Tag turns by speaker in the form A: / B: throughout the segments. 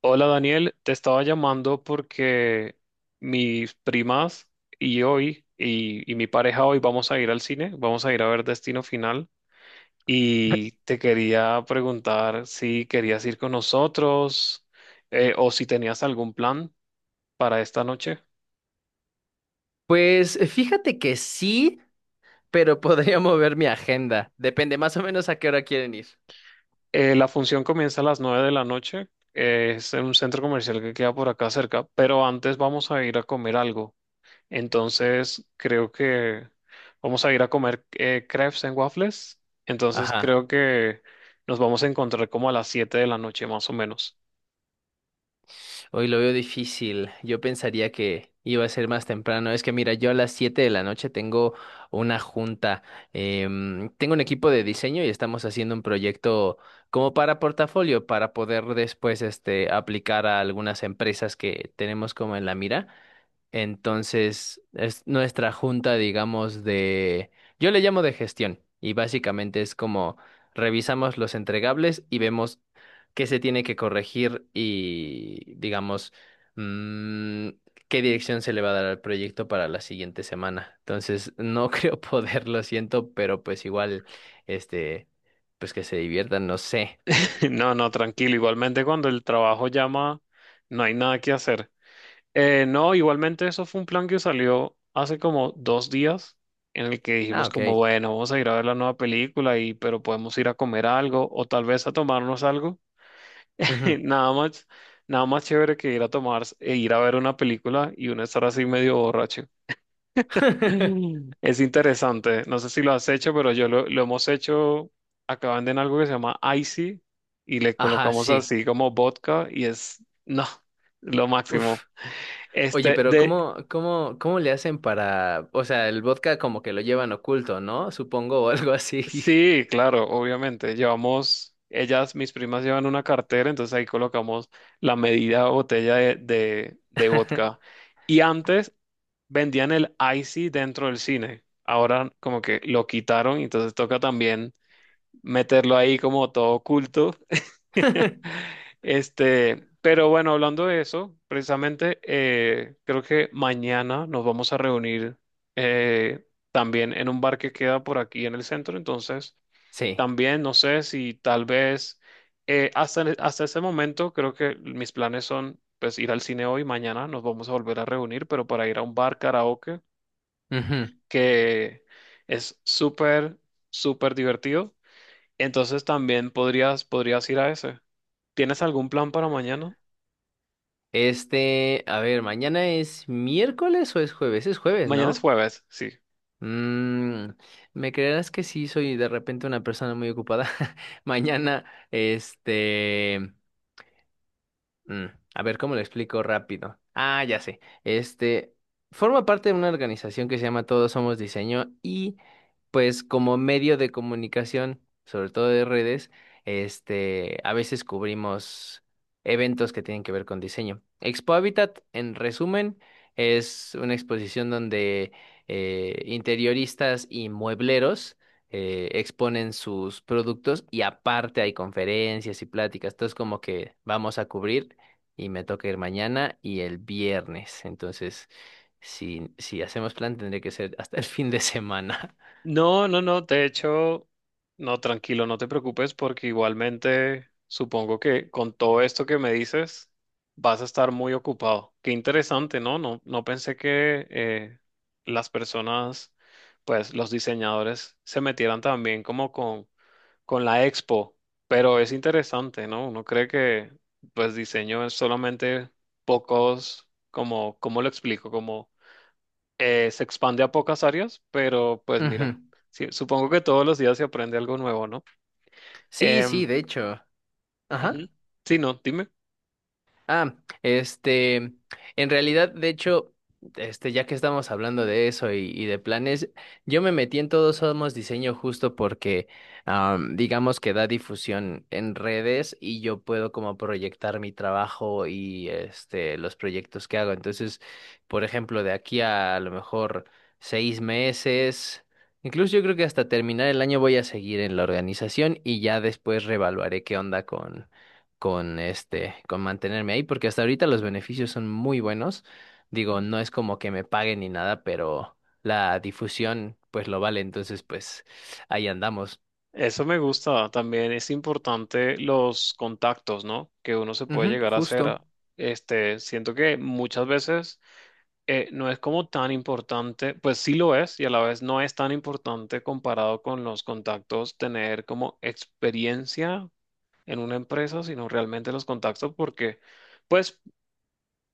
A: Hola Daniel, te estaba llamando porque mis primas y mi pareja hoy vamos a ir al cine, vamos a ir a ver Destino Final y te quería preguntar si querías ir con nosotros, o si tenías algún plan para esta noche.
B: Pues fíjate que sí, pero podría mover mi agenda. Depende más o menos a qué hora quieren ir.
A: La función comienza a las 9 de la noche, es en un centro comercial que queda por acá cerca, pero antes vamos a ir a comer algo. Entonces, creo que vamos a ir a comer crepes en waffles. Entonces,
B: Ajá.
A: creo que nos vamos a encontrar como a las 7 de la noche, más o menos.
B: Hoy lo veo difícil. Yo pensaría que iba a ser más temprano. Es que mira, yo a las 7 de la noche tengo una junta. Tengo un equipo de diseño y estamos haciendo un proyecto como para portafolio, para poder después este, aplicar a algunas empresas que tenemos como en la mira. Entonces, es nuestra junta, digamos, de... Yo le llamo de gestión y básicamente es como revisamos los entregables y vemos qué se tiene que corregir y, digamos, mm, qué dirección se le va a dar al proyecto para la siguiente semana. Entonces, no creo poder, lo siento, pero pues igual, este, pues que se diviertan, no sé.
A: No, no, tranquilo. Igualmente, cuando el trabajo llama, no hay nada que hacer. No, igualmente, eso fue un plan que salió hace como 2 días, en el que
B: Ah,
A: dijimos
B: ok.
A: como, bueno, vamos a ir a ver la nueva película pero podemos ir a comer algo o tal vez a tomarnos algo.
B: Ujú.
A: Nada más, nada más chévere que ir a tomar e ir a ver una película y uno estar así medio borracho. Es interesante. No sé si lo has hecho, pero yo lo hemos hecho. Acá venden algo que se llama Icy y le
B: Ajá,
A: colocamos
B: sí.
A: así como vodka y es, no, lo
B: Uf.
A: máximo.
B: Oye,
A: Este,
B: pero
A: de,
B: ¿cómo le hacen para, o sea, el vodka como que lo llevan oculto, ¿no? Supongo, o algo así.
A: sí, claro, obviamente. Llevamos, ellas, mis primas llevan una cartera, entonces ahí colocamos la medida botella de vodka. Y antes, vendían el icy dentro del cine. Ahora como que lo quitaron, entonces toca también meterlo ahí como todo oculto. Pero bueno, hablando de eso, precisamente creo que mañana nos vamos a reunir eh, también en un bar que queda por aquí en el centro. Entonces,
B: Sí.
A: también no sé si tal vez, hasta ese momento creo que mis planes son pues ir al cine hoy, mañana nos vamos a volver a reunir, pero para ir a un bar karaoke
B: Ujú.
A: que es súper, súper divertido. Entonces también podrías ir a ese. ¿Tienes algún plan para mañana?
B: Este, a ver, ¿mañana es miércoles o es jueves? Es jueves,
A: Mañana es
B: ¿no?
A: jueves, sí.
B: Mm, Me creerás que sí soy de repente una persona muy ocupada. Mañana, este. Mm, a ver, ¿cómo lo explico rápido? Ah, ya sé. Este forma parte de una organización que se llama Todos Somos Diseño y pues como medio de comunicación, sobre todo de redes, este, a veces cubrimos eventos que tienen que ver con diseño. Expo Habitat, en resumen, es una exposición donde interioristas y muebleros exponen sus productos y aparte hay conferencias y pláticas. Entonces como que vamos a cubrir y me toca ir mañana y el viernes. Entonces, si hacemos plan, tendría que ser hasta el fin de semana.
A: No, de hecho, no, tranquilo, no te preocupes porque igualmente supongo que con todo esto que me dices vas a estar muy ocupado. Qué interesante, ¿no? No, no pensé que las personas, pues los diseñadores se metieran también como con la Expo, pero es interesante, ¿no? Uno cree que pues diseño es solamente pocos, como, ¿cómo lo explico? Como se expande a pocas áreas, pero pues mira,
B: Ujú.
A: sí, supongo que todos los días se aprende algo nuevo, ¿no?
B: Sí,
A: Em,
B: sí, de hecho.
A: ujú.
B: Ajá.
A: Sí, no, dime.
B: Ah, este, en realidad, de hecho, este, ya que estamos hablando de eso y de planes, yo me metí en Todos Somos Diseño justo porque, am, digamos que da difusión en redes y yo puedo como proyectar mi trabajo y este, los proyectos que hago. Entonces, por ejemplo, de aquí a lo mejor 6 meses, incluso yo creo que hasta terminar el año voy a seguir en la organización y ya después reevaluaré qué onda con este, con mantenerme ahí, porque hasta ahorita los beneficios son muy buenos. Digo, no es como que me paguen ni nada, pero la difusión pues lo vale, entonces pues ahí andamos.
A: Eso me gusta. También es importante los contactos, ¿no? Que uno se puede
B: Ujú,
A: llegar a hacer.
B: justo.
A: Este, siento que muchas veces no es como tan importante, pues sí lo es y a la vez no es tan importante comparado con los contactos tener como experiencia en una empresa, sino realmente los contactos porque, pues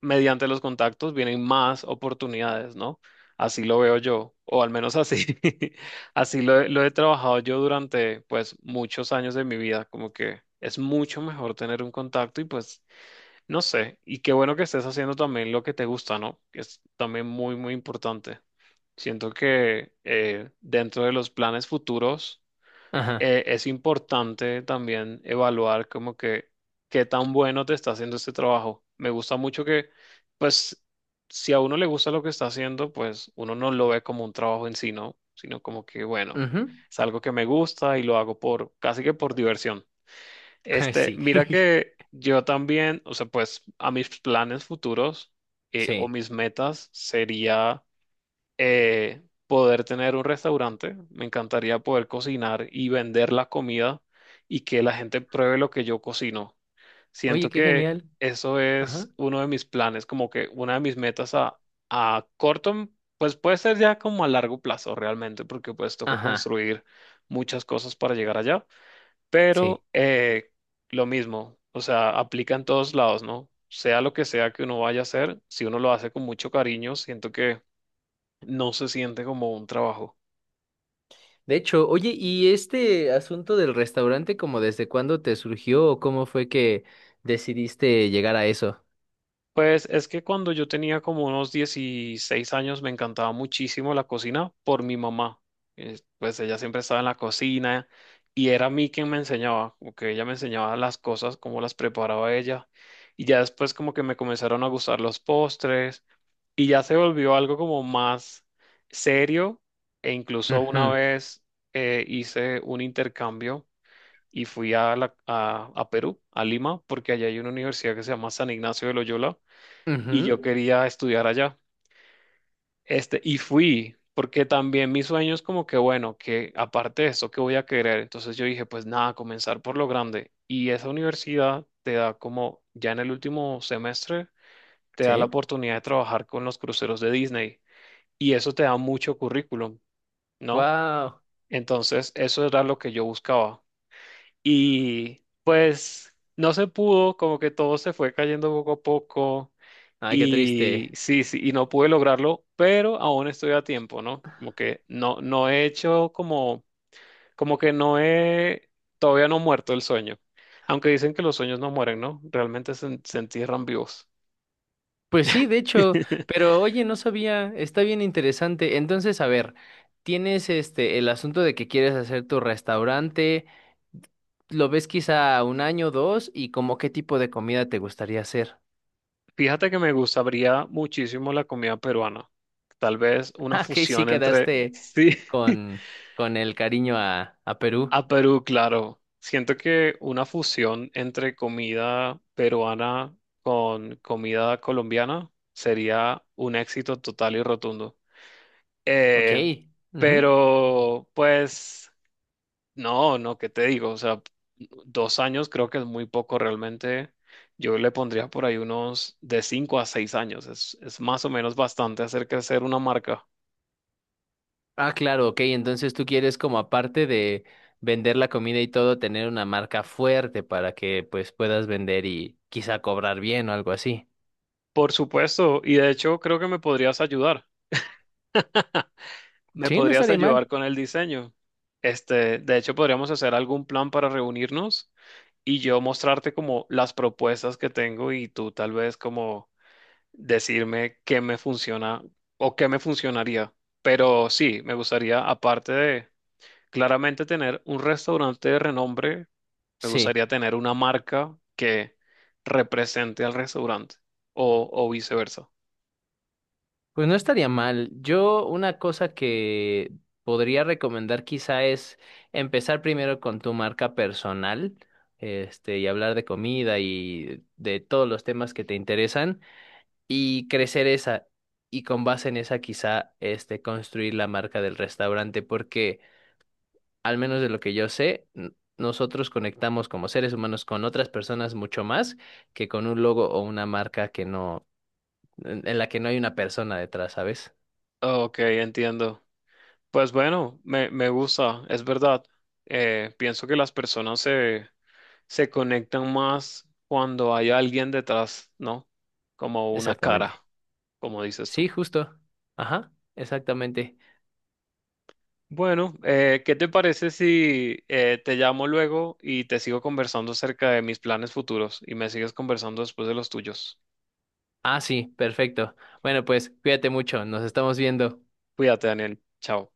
A: mediante los contactos vienen más oportunidades, ¿no? Así lo veo yo, o al menos así, así lo, lo he trabajado yo durante, pues, muchos años de mi vida, como que es mucho mejor tener un contacto y pues, no sé, y qué bueno que estés haciendo también lo que te gusta, ¿no? Que es también muy, muy importante. Siento que dentro de los planes futuros
B: Ajá.
A: es importante también evaluar como que qué tan bueno te está haciendo este trabajo. Me gusta mucho que, pues, si a uno le gusta lo que está haciendo, pues uno no lo ve como un trabajo en sí, ¿no? Sino como que, bueno,
B: Ujú.
A: es algo que me gusta y lo hago por, casi que por diversión. Este,
B: Sí.
A: mira que yo también, o sea, pues a mis planes futuros, o
B: Sí.
A: mis metas sería poder tener un restaurante, me encantaría poder cocinar y vender la comida y que la gente pruebe lo que yo cocino.
B: Oye,
A: Siento
B: qué
A: que
B: genial.
A: eso
B: Ajá.
A: es uno de mis planes, como que una de mis metas a corto, pues puede ser ya como a largo plazo realmente, porque pues toca
B: Ajá.
A: construir muchas cosas para llegar allá,
B: Sí.
A: pero lo mismo, o sea, aplica en todos lados, ¿no? Sea lo que sea que uno vaya a hacer, si uno lo hace con mucho cariño, siento que no se siente como un trabajo.
B: De hecho, oye, ¿y este asunto del restaurante, como desde cuándo te surgió o cómo fue que decidiste llegar a eso?
A: Pues es que cuando yo tenía como unos 16 años me encantaba muchísimo la cocina por mi mamá. Pues ella siempre estaba en la cocina y era a mí quien me enseñaba, como que ella me enseñaba las cosas, cómo las preparaba ella. Y ya después como que me comenzaron a gustar los postres y ya se volvió algo como más serio e incluso una
B: Ujú,
A: vez hice un intercambio y fui a, a Perú, a Lima, porque allá hay una universidad que se llama San Ignacio de Loyola y yo
B: ujú,
A: quería estudiar allá. Este, y fui, porque también mi sueño es como que, bueno, que aparte de eso, ¿qué voy a querer? Entonces yo dije, pues nada, comenzar por lo grande. Y esa universidad te da como, ya en el último semestre, te da la
B: sí.
A: oportunidad de trabajar con los cruceros de Disney y eso te da mucho currículum, ¿no?
B: Wow.
A: Entonces, eso era lo que yo buscaba. Y pues no se pudo, como que todo se fue cayendo poco a poco.
B: Ay, qué
A: Y
B: triste.
A: sí, sí, y no pude lograrlo, pero aún estoy a tiempo, ¿no? Como que no, no he hecho como, como que todavía no he muerto el sueño. Aunque dicen que los sueños no mueren, ¿no? Realmente se entierran vivos.
B: Pues sí, de hecho, pero oye, no sabía, está bien interesante. Entonces, a ver, tienes este el asunto de que quieres hacer tu restaurante, lo ves quizá un año, dos, y como qué tipo de comida te gustaría hacer.
A: Fíjate que me gustaría muchísimo la comida peruana. Tal vez una
B: Ah, que sí
A: fusión entre...
B: quedaste
A: Sí.
B: con, con el cariño a Perú.
A: A Perú, claro. Siento que una fusión entre comida peruana con comida colombiana sería un éxito total y rotundo.
B: Ok.
A: Eh,
B: Ujú.
A: pero, no, ¿qué te digo? O sea, 2 años creo que es muy poco realmente. Yo le pondría por ahí unos de 5 a 6 años. Es más o menos bastante hacer crecer una marca.
B: Ah, claro, ok. Entonces tú quieres como aparte de vender la comida y todo, tener una marca fuerte para que pues puedas vender y quizá cobrar bien o algo así.
A: Por supuesto, y de hecho creo que me podrías ayudar. ¿Me
B: Sí, no
A: podrías
B: estaría
A: ayudar
B: mal.
A: con el diseño? Este, de hecho, podríamos hacer algún plan para reunirnos y yo mostrarte como las propuestas que tengo y tú tal vez como decirme qué me funciona o qué me funcionaría. Pero sí, me gustaría, aparte de claramente tener un restaurante de renombre, me
B: Sí,
A: gustaría tener una marca que represente al restaurante o viceversa.
B: pues no estaría mal. Yo una cosa que podría recomendar quizá es empezar primero con tu marca personal, este, y hablar de comida y de todos los temas que te interesan. Y crecer esa y con base en esa quizá este construir la marca del restaurante porque al menos de lo que yo sé nosotros conectamos como seres humanos con otras personas mucho más que con un logo o una marca que no en la que no hay una persona detrás, ¿sabes?
A: Ok, entiendo. Pues bueno, me gusta, es verdad. Pienso que las personas se conectan más cuando hay alguien detrás, ¿no? Como una cara,
B: Exactamente.
A: como dices
B: Sí,
A: tú.
B: justo. Ajá, exactamente.
A: Bueno, ¿qué te parece si te llamo luego y te sigo conversando acerca de mis planes futuros y me sigues conversando después de los tuyos?
B: Ah, sí, perfecto. Bueno, pues cuídate mucho, nos estamos viendo.
A: Cuídate, Daniel. Chao.